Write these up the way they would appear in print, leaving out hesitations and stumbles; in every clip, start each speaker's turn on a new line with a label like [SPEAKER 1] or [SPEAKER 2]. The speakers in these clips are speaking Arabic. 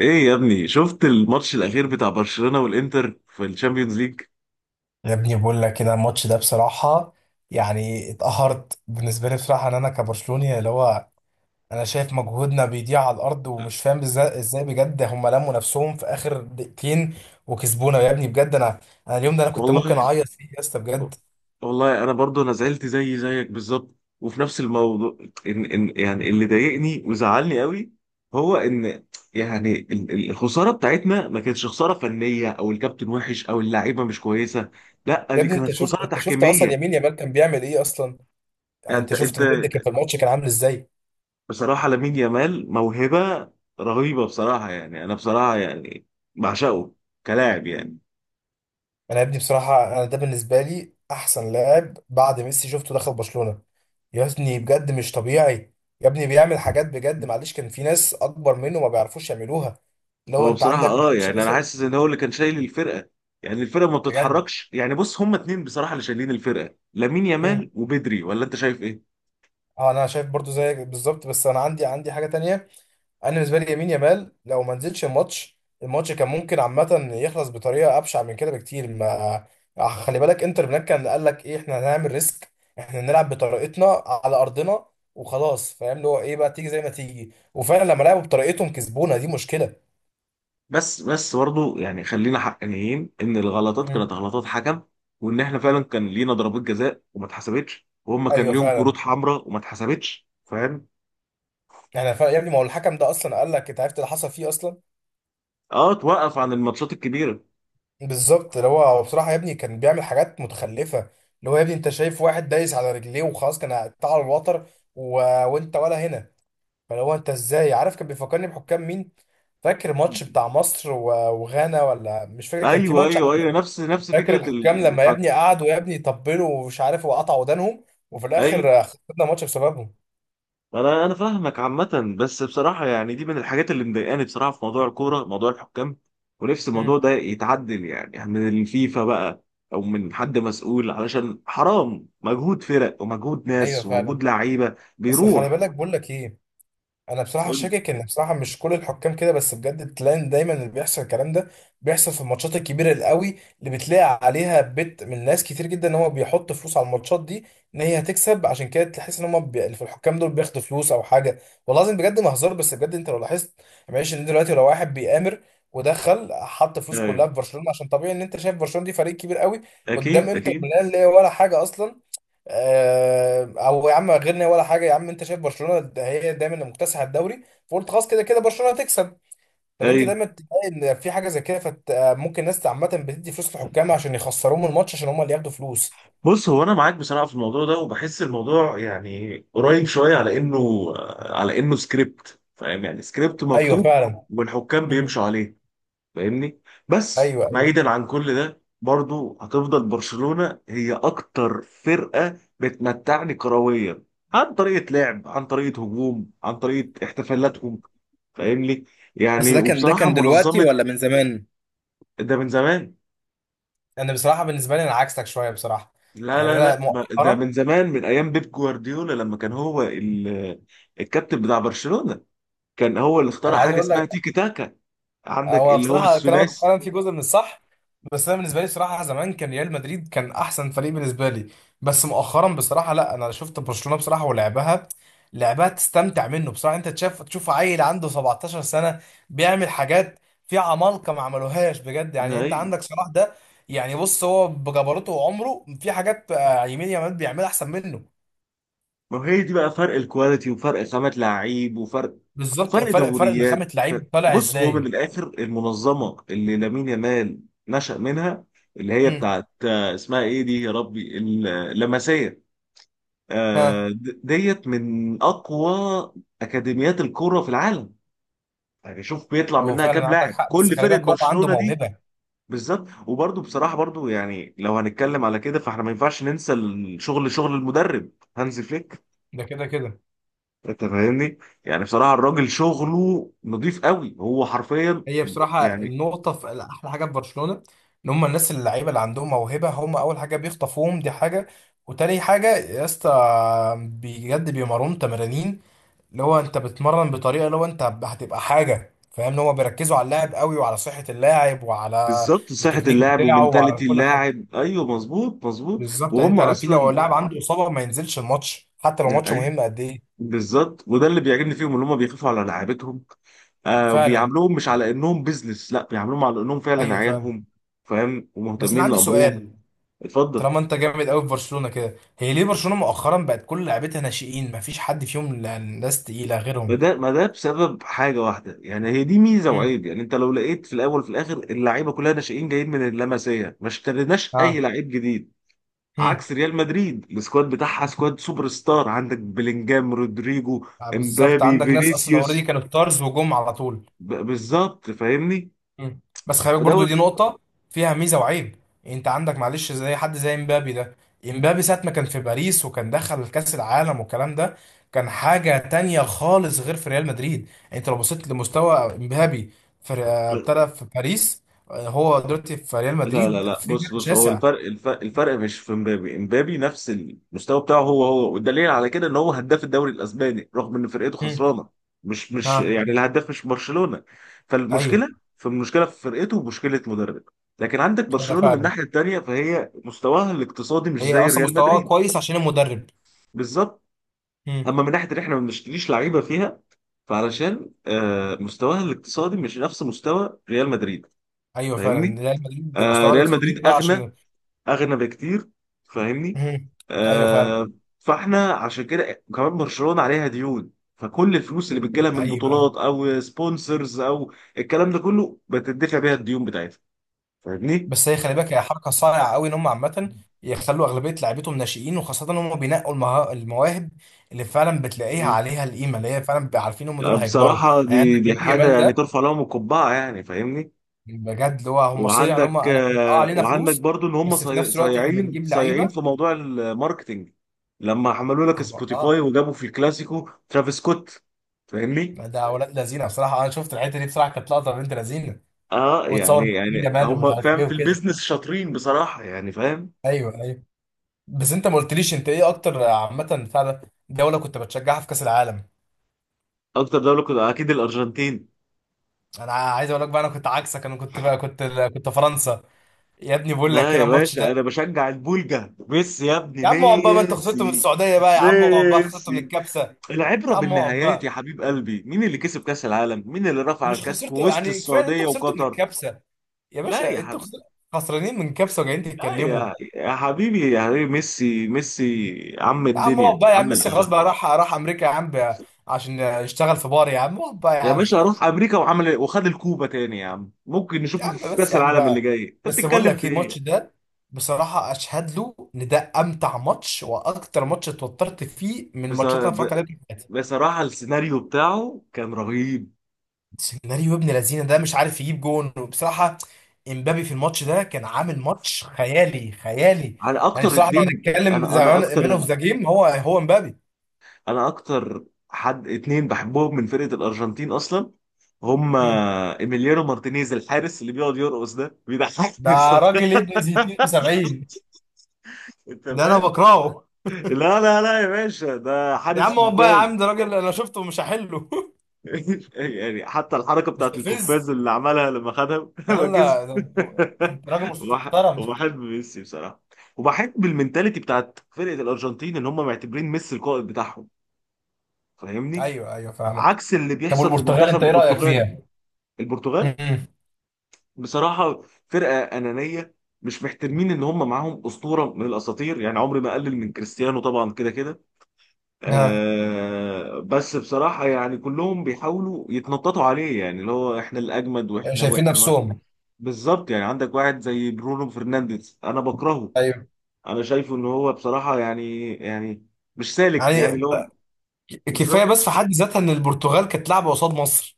[SPEAKER 1] ايه يا ابني، شفت الماتش الاخير بتاع برشلونة والانتر في الشامبيونز ليج؟
[SPEAKER 2] يا ابني بقول لك كده الماتش ده بصراحة. يعني اتقهرت بالنسبة لي بصراحة، ان انا كبرشلوني اللي هو انا شايف مجهودنا بيضيع على الارض ومش فاهم ازاي بجد هم لموا نفسهم في اخر دقيقتين وكسبونا يا ابني بجد. انا اليوم ده انا كنت ممكن
[SPEAKER 1] والله
[SPEAKER 2] اعيط فيه يا اسطى بجد.
[SPEAKER 1] والله انا برضو انا زعلت زي زيك بالظبط، وفي نفس الموضوع ان ان يعني اللي ضايقني وزعلني قوي هو ان يعني الخساره بتاعتنا ما كانتش خساره فنيه او الكابتن وحش او اللعيبه مش كويسه، لا
[SPEAKER 2] يا
[SPEAKER 1] دي
[SPEAKER 2] ابني
[SPEAKER 1] كانت خساره
[SPEAKER 2] انت شفت
[SPEAKER 1] تحكيميه
[SPEAKER 2] اصلا
[SPEAKER 1] يعني.
[SPEAKER 2] يمين يامال كان بيعمل ايه اصلا؟ يعني انت
[SPEAKER 1] انت
[SPEAKER 2] شفت
[SPEAKER 1] انت
[SPEAKER 2] بجد كان في الماتش كان عامل ازاي؟
[SPEAKER 1] بصراحه لامين يامال موهبه رهيبه، بصراحه يعني انا بصراحه يعني بعشقه كلاعب يعني.
[SPEAKER 2] انا يا ابني بصراحه، انا ده بالنسبه لي احسن لاعب بعد ميسي شفته دخل برشلونه. يا ابني بجد مش طبيعي. يا ابني بيعمل حاجات بجد معلش كان في ناس اكبر منه ما بيعرفوش يعملوها، اللي هو
[SPEAKER 1] هو
[SPEAKER 2] انت
[SPEAKER 1] بصراحة،
[SPEAKER 2] عندك
[SPEAKER 1] اه
[SPEAKER 2] معلش
[SPEAKER 1] يعني انا
[SPEAKER 2] مثلا
[SPEAKER 1] حاسس ان هو اللي كان شايل الفرقة، يعني الفرقة ما
[SPEAKER 2] بجد.
[SPEAKER 1] بتتحركش. يعني بص، هما اتنين بصراحة اللي شايلين الفرقة، لامين يامال
[SPEAKER 2] مم.
[SPEAKER 1] وبدري، ولا انت شايف ايه؟
[SPEAKER 2] اه، انا شايف برضو زيك بالظبط، بس انا عندي حاجه تانية. انا بالنسبه لي يمين يامال لو ما نزلش الماتش كان ممكن عامه يخلص بطريقه ابشع من كده بكتير ما. خلي بالك انتر ميلان كان قال لك ايه، احنا هنعمل ريسك، احنا نلعب بطريقتنا على ارضنا وخلاص. فاهم اللي هو ايه بقى، تيجي زي ما تيجي، وفعلا لما لعبوا بطريقتهم كسبونا، دي مشكله.
[SPEAKER 1] بس برضه يعني خلينا حقانيين ان الغلطات
[SPEAKER 2] مم.
[SPEAKER 1] كانت غلطات حكم، وان احنا فعلا كان لينا ضربات جزاء وما اتحسبتش، وهم كان
[SPEAKER 2] ايوه
[SPEAKER 1] ليهم كروت
[SPEAKER 2] فعلا.
[SPEAKER 1] حمراء وما اتحسبتش، فاهم؟
[SPEAKER 2] احنا فعلا يا ابني، ما هو الحكم ده اصلا قال لك، انت عرفت اللي حصل فيه اصلا؟
[SPEAKER 1] اه، توقف عن الماتشات الكبيرة.
[SPEAKER 2] بالظبط، اللي هو هو بصراحه يا ابني كان بيعمل حاجات متخلفه، اللي هو يا ابني انت شايف واحد دايس على رجليه وخلاص، كان قطع على الوتر و... وانت ولا هنا. فلو انت ازاي، عارف كان بيفكرني بحكام مين؟ فاكر ماتش بتاع مصر وغانا، ولا مش فاكر كان في
[SPEAKER 1] ايوه
[SPEAKER 2] ماتش عامل-؟
[SPEAKER 1] ايوه ايوه، نفس
[SPEAKER 2] فاكر
[SPEAKER 1] فكرة
[SPEAKER 2] الحكام لما يا
[SPEAKER 1] الحكم.
[SPEAKER 2] ابني قعدوا يا ابني يطبلوا ومش عارف، وقطعوا ودانهم، وفي
[SPEAKER 1] ايوه،
[SPEAKER 2] الاخر خسرنا ماتش بسببهم.
[SPEAKER 1] انا فاهمك عامه، بس بصراحه يعني دي من الحاجات اللي مضايقاني بصراحه في موضوع الكوره، موضوع الحكام. ونفسي
[SPEAKER 2] مم.
[SPEAKER 1] الموضوع ده يتعدل، يعني يعني من الفيفا بقى، او من حد مسؤول، علشان حرام مجهود فرق ومجهود
[SPEAKER 2] ايوه
[SPEAKER 1] ناس ومجهود
[SPEAKER 2] فعلا.
[SPEAKER 1] لعيبه
[SPEAKER 2] بس خلي
[SPEAKER 1] بيروح.
[SPEAKER 2] بالك بقول لك ايه، انا بصراحه
[SPEAKER 1] قول لي.
[SPEAKER 2] شاكك ان بصراحه مش كل الحكام كده، بس بجد تلاقي دايما اللي بيحصل الكلام ده بيحصل في الماتشات الكبيره القوي، اللي بتلاقي عليها بت من ناس كتير جدا ان هو بيحط فلوس على الماتشات دي، ان هي هتكسب. عشان كده تحس ان هم اللي في الحكام دول بياخدوا فلوس او حاجه. والله العظيم بجد ما هزار، بس بجد انت لو لاحظت. يعني معلش، ان دلوقتي لو واحد بيآمر ودخل حط فلوس
[SPEAKER 1] ايوه،
[SPEAKER 2] كلها في برشلونه، عشان طبيعي ان انت شايف برشلونه دي فريق كبير قوي قدام
[SPEAKER 1] اكيد
[SPEAKER 2] انتر
[SPEAKER 1] اكيد.
[SPEAKER 2] ميلان اللي هي ولا حاجه اصلا. او يا عم غيرنا، ولا حاجه يا عم، انت شايف برشلونه ده هي دايما اللي مكتسحه الدوري، فقلت خلاص كده كده برشلونه هتكسب. فانت
[SPEAKER 1] ايوه،
[SPEAKER 2] دايما تلاقي ان في حاجه زي كده، فممكن الناس عامه بتدي فلوس للحكام عشان يخسروهم الماتش، عشان هم اللي ياخدوا فلوس.
[SPEAKER 1] بص هو انا معاك بصراحه في الموضوع ده، وبحس الموضوع يعني قريب شويه على انه، على انه سكريبت، فاهم؟ يعني سكريبت
[SPEAKER 2] ايوه
[SPEAKER 1] مكتوب،
[SPEAKER 2] فعلا.
[SPEAKER 1] والحكام
[SPEAKER 2] مم.
[SPEAKER 1] بيمشوا عليه. فاهمني؟ بس
[SPEAKER 2] ايوه، ايوه.
[SPEAKER 1] بعيدا عن كل ده، برضو هتفضل برشلونة هي اكتر فرقة بتمتعني كرويا، عن طريقة لعب، عن طريقة هجوم، عن طريقة احتفالاتهم، فاهمني؟
[SPEAKER 2] بس
[SPEAKER 1] يعني
[SPEAKER 2] ده كان ده
[SPEAKER 1] وبصراحة
[SPEAKER 2] كان دلوقتي
[SPEAKER 1] منظمة.
[SPEAKER 2] ولا من زمان؟
[SPEAKER 1] ده من زمان.
[SPEAKER 2] انا بصراحه بالنسبه لي انا عكسك شويه بصراحه.
[SPEAKER 1] لا
[SPEAKER 2] يعني
[SPEAKER 1] لا
[SPEAKER 2] انا
[SPEAKER 1] لا ده
[SPEAKER 2] مؤخرا،
[SPEAKER 1] من زمان، من ايام بيب جوارديولا، لما كان هو الكابتن بتاع برشلونة، كان هو اللي
[SPEAKER 2] انا
[SPEAKER 1] اخترع
[SPEAKER 2] عايز
[SPEAKER 1] حاجة
[SPEAKER 2] اقول
[SPEAKER 1] اسمها
[SPEAKER 2] لك،
[SPEAKER 1] تيكي تاكا. عندك
[SPEAKER 2] هو
[SPEAKER 1] اللي هو
[SPEAKER 2] بصراحة كلامك
[SPEAKER 1] الثلاثي.
[SPEAKER 2] فعلا في جزء من الصح، بس أنا بالنسبة لي بصراحة زمان كان ريال مدريد كان أحسن فريق بالنسبة لي. بس مؤخرا بصراحة لا، أنا شفت برشلونة بصراحة ولعبها. لعبها تستمتع منه بصراحة، أنت تشوف عيل عنده 17 سنة بيعمل حاجات في عمالقة ما عملوهاش بجد. يعني أنت
[SPEAKER 1] أيوه.
[SPEAKER 2] عندك صلاح ده، يعني بص هو بجبروته وعمره في حاجات يمين يامال بيعملها أحسن منه.
[SPEAKER 1] ما هي دي بقى فرق الكواليتي، وفرق خامة لعيب، وفرق،
[SPEAKER 2] بالظبط،
[SPEAKER 1] فرق
[SPEAKER 2] فرق
[SPEAKER 1] دوريات،
[SPEAKER 2] نخامة لعيب
[SPEAKER 1] فرق.
[SPEAKER 2] طالع
[SPEAKER 1] بص هو من
[SPEAKER 2] إزاي.
[SPEAKER 1] الآخر، المنظمة اللي لامين يامال نشأ منها، اللي هي
[SPEAKER 2] مم.
[SPEAKER 1] بتاعت اسمها ايه دي يا ربي، اللمسية.
[SPEAKER 2] ها.
[SPEAKER 1] ديت من أقوى أكاديميات الكرة في العالم، يعني شوف بيطلع
[SPEAKER 2] هو
[SPEAKER 1] منها
[SPEAKER 2] فعلا
[SPEAKER 1] كام
[SPEAKER 2] عندك
[SPEAKER 1] لاعب
[SPEAKER 2] حق، بس
[SPEAKER 1] كل
[SPEAKER 2] خلي
[SPEAKER 1] فرقة،
[SPEAKER 2] بالك هو عنده
[SPEAKER 1] برشلونة دي.
[SPEAKER 2] موهبة
[SPEAKER 1] بالظبط، وبرضه بصراحة برضه يعني لو هنتكلم على كده، فاحنا ما ينفعش ننسى الشغل، شغل المدرب هانزي فليك.
[SPEAKER 2] ده كده كده.
[SPEAKER 1] انت فاهمني؟ يعني بصراحه الراجل شغله نظيف قوي، هو حرفيا
[SPEAKER 2] هي بصراحة
[SPEAKER 1] يعني.
[SPEAKER 2] النقطة في أحلى حاجة في برشلونة، إن هم الناس اللعيبة اللي عندهم موهبة هم أول حاجة بيخطفوهم، دي حاجة. وتاني حاجة يا اسطى بجد، بيمرنوا تمرانين، اللي هو أنت بتمرن بطريقة اللي هو أنت هتبقى حاجة. فاهم، إن هم بيركزوا على اللاعب قوي وعلى صحة اللاعب وعلى
[SPEAKER 1] بالظبط، صحه
[SPEAKER 2] التكنيك
[SPEAKER 1] اللاعب
[SPEAKER 2] بتاعه وعلى
[SPEAKER 1] ومنتاليتي
[SPEAKER 2] كل حاجة.
[SPEAKER 1] اللاعب، ايوه مظبوط مظبوط،
[SPEAKER 2] بالظبط، يعني
[SPEAKER 1] وهم
[SPEAKER 2] أنت لو
[SPEAKER 1] اصلا
[SPEAKER 2] اللاعب عنده إصابة ما ينزلش الماتش حتى لو ماتش
[SPEAKER 1] ايوه.
[SPEAKER 2] مهم قد إيه.
[SPEAKER 1] بالظبط، وده اللي بيعجبني فيهم ان هم بيخافوا على لعيبتهم، آه،
[SPEAKER 2] فعلا.
[SPEAKER 1] وبيعاملوهم مش على انهم بيزنس، لا بيعاملوهم على انهم فعلا
[SPEAKER 2] أيوه فعلا.
[SPEAKER 1] عيالهم، فاهم؟
[SPEAKER 2] بس أنا
[SPEAKER 1] ومهتمين
[SPEAKER 2] عندي
[SPEAKER 1] لامرهم.
[SPEAKER 2] سؤال،
[SPEAKER 1] اتفضل.
[SPEAKER 2] طالما انت جامد قوي في برشلونه كده، هي ليه برشلونه مؤخرا بقت كل لعيبتها ناشئين مفيش حد فيهم ناس تقيله
[SPEAKER 1] ما
[SPEAKER 2] غيرهم؟
[SPEAKER 1] ده ما ده بسبب حاجه واحده، يعني هي دي ميزه
[SPEAKER 2] مم.
[SPEAKER 1] وعيب، يعني انت لو لقيت في الاول وفي الاخر اللعيبه كلها ناشئين جايين من اللمسيه، ما اشتريناش اي
[SPEAKER 2] اه.
[SPEAKER 1] لعيب جديد،
[SPEAKER 2] هم.
[SPEAKER 1] عكس ريال مدريد، السكواد بتاعها سكواد سوبر ستار، عندك بلينجهام، رودريجو،
[SPEAKER 2] آه، بالظبط،
[SPEAKER 1] امبابي،
[SPEAKER 2] عندك ناس اصلا اوريدي
[SPEAKER 1] فينيسيوس.
[SPEAKER 2] كانوا ستارز وجم على طول.
[SPEAKER 1] بالظبط فاهمني؟
[SPEAKER 2] مم. بس خلي بالك برضو
[SPEAKER 1] فدوت.
[SPEAKER 2] دي نقطة فيها ميزة وعيب. انت عندك معلش زي حد زي امبابي ده. امبابي ساعة ما كان في باريس وكان دخل كأس العالم والكلام ده كان حاجة تانية خالص، غير في ريال مدريد. يعني انت لو بصيت لمستوى امبابي في، ابتدى في باريس، هو دلوقتي في ريال
[SPEAKER 1] لا لا
[SPEAKER 2] مدريد، في
[SPEAKER 1] لا
[SPEAKER 2] فرق
[SPEAKER 1] بص هو
[SPEAKER 2] شاسع.
[SPEAKER 1] الفرق، الفرق، الفرق مش في امبابي، امبابي نفس المستوى بتاعه هو هو، والدليل على كده ان هو هداف الدوري الاسباني، رغم ان فرقته
[SPEAKER 2] مم.
[SPEAKER 1] خسرانه، مش
[SPEAKER 2] ها.
[SPEAKER 1] يعني الهداف مش برشلونه.
[SPEAKER 2] ايوه،
[SPEAKER 1] فالمشكله، فالمشكله في فرقته، ومشكله مدرب. لكن عندك
[SPEAKER 2] ده
[SPEAKER 1] برشلونه من
[SPEAKER 2] فعلا.
[SPEAKER 1] الناحيه التانيه، فهي مستواها الاقتصادي مش
[SPEAKER 2] هي
[SPEAKER 1] زي
[SPEAKER 2] اصلا
[SPEAKER 1] ريال
[SPEAKER 2] مستواه
[SPEAKER 1] مدريد.
[SPEAKER 2] كويس عشان المدرب.
[SPEAKER 1] بالظبط.
[SPEAKER 2] مم.
[SPEAKER 1] اما من ناحيه ان احنا ما بنشتريش لعيبه فيها، فعلشان مستواها الاقتصادي مش نفس مستوى ريال مدريد،
[SPEAKER 2] ايوه
[SPEAKER 1] فاهمني؟
[SPEAKER 2] فعلا، ريال مدريد
[SPEAKER 1] آه،
[SPEAKER 2] مستواه
[SPEAKER 1] ريال
[SPEAKER 2] الاقتصادي
[SPEAKER 1] مدريد
[SPEAKER 2] بقى
[SPEAKER 1] اغنى،
[SPEAKER 2] عشان.
[SPEAKER 1] اغنى بكتير، فاهمني؟
[SPEAKER 2] مم. ايوه فعلا.
[SPEAKER 1] آه. فاحنا عشان كده كمان برشلونه عليها ديون، فكل الفلوس اللي بتجيلها من
[SPEAKER 2] ايوه، ايوه.
[SPEAKER 1] بطولات او سبونسرز او الكلام ده كله، بتدفع بيها الديون بتاعتها، فاهمني؟
[SPEAKER 2] بس هي خلي بالك، هي حركه صارعه قوي ان هم عامه يخلوا اغلبيه لعيبتهم ناشئين، وخاصه ان هم بينقوا المواهب اللي فعلا بتلاقيها
[SPEAKER 1] مم.
[SPEAKER 2] عليها القيمه، اللي هي فعلا بيبقى عارفين هم دول هيكبروا،
[SPEAKER 1] بصراحه
[SPEAKER 2] يعني
[SPEAKER 1] دي
[SPEAKER 2] عندك
[SPEAKER 1] دي
[SPEAKER 2] يمين
[SPEAKER 1] حاجه
[SPEAKER 2] جمال
[SPEAKER 1] يعني
[SPEAKER 2] ده.
[SPEAKER 1] ترفع لهم القبعه، يعني فاهمني.
[SPEAKER 2] بجد اللي هو هم صيع، ان هم
[SPEAKER 1] وعندك
[SPEAKER 2] انا احنا اه
[SPEAKER 1] آه،
[SPEAKER 2] علينا
[SPEAKER 1] وعندك
[SPEAKER 2] فلوس،
[SPEAKER 1] برضو ان هم
[SPEAKER 2] بس في نفس الوقت احنا
[SPEAKER 1] صايعين
[SPEAKER 2] بنجيب
[SPEAKER 1] صايعين
[SPEAKER 2] لعيبه.
[SPEAKER 1] في موضوع الماركتينج، لما عملوا لك
[SPEAKER 2] اه
[SPEAKER 1] سبوتيفاي،
[SPEAKER 2] آه،
[SPEAKER 1] وجابوا في الكلاسيكو ترافيس سكوت، فاهمني؟
[SPEAKER 2] ده ولاد لذينه بصراحه. انا شفت الحته دي بصراحه كانت لقطه بنت لذينه،
[SPEAKER 1] اه يعني،
[SPEAKER 2] وتصور يمين
[SPEAKER 1] يعني
[SPEAKER 2] جمال ومش
[SPEAKER 1] هم
[SPEAKER 2] عارف
[SPEAKER 1] فاهم
[SPEAKER 2] ايه
[SPEAKER 1] في
[SPEAKER 2] وكده.
[SPEAKER 1] البيزنس شاطرين بصراحة، يعني فاهم.
[SPEAKER 2] ايوه، ايوه. بس انت ما قلتليش انت ايه اكتر عامه فعلا دوله كنت بتشجعها في كاس العالم؟
[SPEAKER 1] اكتر دولة كنت اكيد الارجنتين.
[SPEAKER 2] انا عايز اقول لك بقى، انا كنت عكسك، انا كنت بقى، كنت فرنسا. يا ابني بقول لك
[SPEAKER 1] لا
[SPEAKER 2] هنا
[SPEAKER 1] يا
[SPEAKER 2] الماتش ده.
[SPEAKER 1] باشا، انا بشجع البولجا، ميسي يا ابني،
[SPEAKER 2] يا عم اقعد بقى، ما انت خسرته من
[SPEAKER 1] ميسي،
[SPEAKER 2] السعوديه بقى، يا عم اقعد بقى، خسرته من
[SPEAKER 1] ميسي.
[SPEAKER 2] الكبسه. يا
[SPEAKER 1] العبرة
[SPEAKER 2] عم اقعد
[SPEAKER 1] بالنهايات يا
[SPEAKER 2] بقى،
[SPEAKER 1] حبيب قلبي، مين اللي كسب كأس العالم؟ مين اللي رفع
[SPEAKER 2] مش
[SPEAKER 1] الكأس في
[SPEAKER 2] خسرته،
[SPEAKER 1] وسط
[SPEAKER 2] يعني كفايه انت
[SPEAKER 1] السعودية
[SPEAKER 2] خسرته من
[SPEAKER 1] وقطر؟
[SPEAKER 2] الكبسه. يا
[SPEAKER 1] لا
[SPEAKER 2] باشا
[SPEAKER 1] يا
[SPEAKER 2] انت
[SPEAKER 1] حبيبي،
[SPEAKER 2] خسرت، خسرانين من كبسه وجايين
[SPEAKER 1] لا
[SPEAKER 2] تتكلموا.
[SPEAKER 1] يا يا حبيبي يا حبيبي ميسي، ميسي عم
[SPEAKER 2] يا عم اقعد
[SPEAKER 1] الدنيا،
[SPEAKER 2] بقى يا
[SPEAKER 1] عم
[SPEAKER 2] عم، ميسي خلاص
[SPEAKER 1] العالم.
[SPEAKER 2] بقى راح امريكا يا عم بقى، عشان يشتغل في بار. يا عم اقعد بقى يا
[SPEAKER 1] يا
[SPEAKER 2] عم.
[SPEAKER 1] باشا راح امريكا وعمل إيه؟ وخد الكوبا تاني يا عم، ممكن
[SPEAKER 2] يا
[SPEAKER 1] نشوفه
[SPEAKER 2] عم
[SPEAKER 1] في
[SPEAKER 2] بس
[SPEAKER 1] كاس
[SPEAKER 2] يا عم
[SPEAKER 1] العالم اللي
[SPEAKER 2] بقى،
[SPEAKER 1] جاي، انت
[SPEAKER 2] بس بقول
[SPEAKER 1] بتتكلم
[SPEAKER 2] لك
[SPEAKER 1] في
[SPEAKER 2] ايه، الماتش
[SPEAKER 1] ايه؟
[SPEAKER 2] ده بصراحة أشهد له إن ده أمتع ماتش وأكتر ماتش اتوترت فيه من
[SPEAKER 1] بس-
[SPEAKER 2] الماتشات اللي أنا اتفرجت
[SPEAKER 1] ب-
[SPEAKER 2] عليها.
[SPEAKER 1] بصراحه السيناريو بتاعه كان رهيب.
[SPEAKER 2] سيناريو ابن لذينه ده، مش عارف يجيب جون. وبصراحه امبابي في الماتش ده كان عامل ماتش خيالي خيالي.
[SPEAKER 1] على
[SPEAKER 2] يعني
[SPEAKER 1] اكتر
[SPEAKER 2] بصراحه لو
[SPEAKER 1] اتنين،
[SPEAKER 2] هنتكلم
[SPEAKER 1] انا
[SPEAKER 2] زمان
[SPEAKER 1] اكتر،
[SPEAKER 2] مان اوف ذا جيم هو، هو امبابي.
[SPEAKER 1] انا اكتر حد اتنين بحبهم من فرقه الارجنتين اصلا، هم
[SPEAKER 2] مم.
[SPEAKER 1] ايميليانو مارتينيز، الحارس اللي بيقعد يرقص ده بيضحكني
[SPEAKER 2] ده
[SPEAKER 1] بصراحه.
[SPEAKER 2] راجل ابن زيتين في 70،
[SPEAKER 1] انت
[SPEAKER 2] ده انا
[SPEAKER 1] فاهم.
[SPEAKER 2] بكرهه.
[SPEAKER 1] لا يا باشا، ده
[SPEAKER 2] يا
[SPEAKER 1] حارس
[SPEAKER 2] عم اقعد بقى يا عم،
[SPEAKER 1] ممتاز.
[SPEAKER 2] ده راجل انا شفته مش هحله.
[SPEAKER 1] يعني حتى الحركه بتاعت
[SPEAKER 2] مستفز.
[SPEAKER 1] القفاز اللي عملها لما خدها، لما كسب.
[SPEAKER 2] لا ده أنت راجل مش محترم.
[SPEAKER 1] وبحب ميسي بصراحه، وبحب المنتاليتي بتاعت فرقه الارجنتين، ان هم معتبرين ميسي القائد بتاعهم، فاهمني؟
[SPEAKER 2] ايوه، ايوه فاهمك.
[SPEAKER 1] عكس اللي
[SPEAKER 2] طب
[SPEAKER 1] بيحصل في
[SPEAKER 2] والبرتغال
[SPEAKER 1] منتخب
[SPEAKER 2] انت ايه رايك
[SPEAKER 1] البرتغال.
[SPEAKER 2] فيها؟
[SPEAKER 1] البرتغال
[SPEAKER 2] امم
[SPEAKER 1] بصراحه فرقه انانيه، مش محترمين ان هم معاهم اسطوره من الاساطير، يعني عمري ما اقلل من كريستيانو طبعا، كده كده،
[SPEAKER 2] ها.
[SPEAKER 1] آه. بس بصراحة يعني كلهم بيحاولوا يتنططوا عليه، يعني اللي هو احنا الأجمد، واحنا
[SPEAKER 2] شايفين
[SPEAKER 1] واحنا واحنا.
[SPEAKER 2] نفسهم.
[SPEAKER 1] بالظبط، يعني عندك واحد زي برونو فرنانديز، أنا بكرهه،
[SPEAKER 2] ايوه.
[SPEAKER 1] أنا شايفه إن هو بصراحة يعني يعني مش سالك، يعني اللي
[SPEAKER 2] يعني
[SPEAKER 1] هو.
[SPEAKER 2] كفايه
[SPEAKER 1] بالظبط.
[SPEAKER 2] بس في حد ذاتها ان البرتغال كانت لعبه قصاد مصر،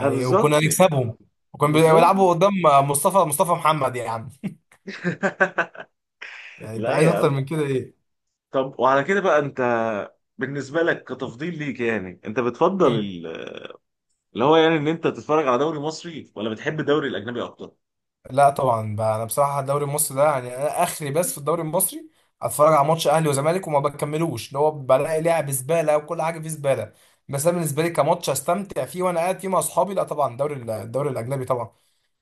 [SPEAKER 1] آه
[SPEAKER 2] وكنا
[SPEAKER 1] بالظبط يعني.
[SPEAKER 2] هنكسبهم، وكانوا
[SPEAKER 1] بالظبط.
[SPEAKER 2] بيلعبوا قدام مصطفى محمد يا عم. يعني انت
[SPEAKER 1] لا
[SPEAKER 2] عايز
[SPEAKER 1] يا
[SPEAKER 2] اكتر
[SPEAKER 1] عم.
[SPEAKER 2] من كده ايه؟
[SPEAKER 1] طب وعلى كده بقى أنت، بالنسبة لك كتفضيل ليك، يعني أنت بتفضل
[SPEAKER 2] مم.
[SPEAKER 1] اللي هو يعني، إن أنت تتفرج على دوري مصري، ولا بتحب الدوري الأجنبي أكتر؟
[SPEAKER 2] لا طبعا بقى، انا بصراحه الدوري المصري ده يعني انا اخري، بس في الدوري المصري اتفرج على ماتش اهلي وزمالك وما بكملوش، اللي هو بلاقي لعب زباله وكل حاجه فيه زباله. بس انا بالنسبه لي كماتش استمتع فيه وانا قاعد فيه مع اصحابي، لا طبعا الدوري الاجنبي طبعا.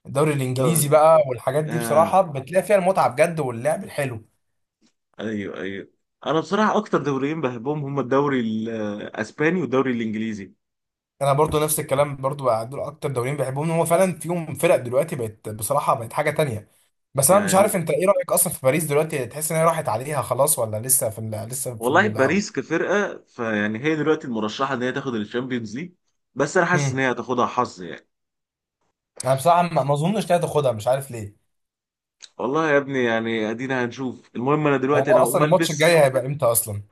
[SPEAKER 2] الدوري الانجليزي
[SPEAKER 1] دوري،
[SPEAKER 2] بقى والحاجات دي بصراحه بتلاقي فيها المتعه بجد واللعب الحلو.
[SPEAKER 1] ايوه ايوه، انا بصراحه اكتر دوريين بحبهم هم الدوري الاسباني والدوري الانجليزي.
[SPEAKER 2] انا برضو نفس الكلام برضو بقى، دول اكتر دوريين بحبهم، هو فعلا فيهم فرق دلوقتي بقت بصراحه بقت حاجه تانية. بس انا مش
[SPEAKER 1] يعني هو،
[SPEAKER 2] عارف انت ايه رايك اصلا في باريس دلوقتي، تحس ان هي راحت عليها خلاص ولا لسه في ال، لسه في
[SPEAKER 1] والله
[SPEAKER 2] ال؟
[SPEAKER 1] باريس كفرقه، فيعني هي دلوقتي المرشحه ان هي تاخد الشامبيونز ليج، بس انا حاسس ان
[SPEAKER 2] مم.
[SPEAKER 1] هي هتاخدها حظ يعني.
[SPEAKER 2] انا بصراحه ما اظنش إنها تاخدها، مش عارف ليه.
[SPEAKER 1] والله يا ابني، يعني ادينا هنشوف. المهم انا دلوقتي
[SPEAKER 2] هو
[SPEAKER 1] انا هقوم
[SPEAKER 2] اصلا الماتش
[SPEAKER 1] البس،
[SPEAKER 2] الجاي هيبقى امتى اصلا؟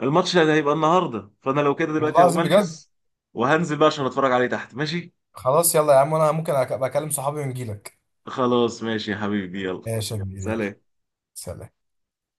[SPEAKER 1] الماتش ده هيبقى النهارده، فانا لو كده
[SPEAKER 2] والله
[SPEAKER 1] دلوقتي هقوم
[SPEAKER 2] العظيم بجد.
[SPEAKER 1] البس، وهنزل بقى عشان اتفرج عليه تحت. ماشي.
[SPEAKER 2] خلاص يلا يا عم، انا ممكن أبقى اكلم صحابي ونجيلك.
[SPEAKER 1] خلاص ماشي يا حبيبي، يلا.
[SPEAKER 2] ماشي يا كبير، يلا
[SPEAKER 1] سلام.
[SPEAKER 2] سلام.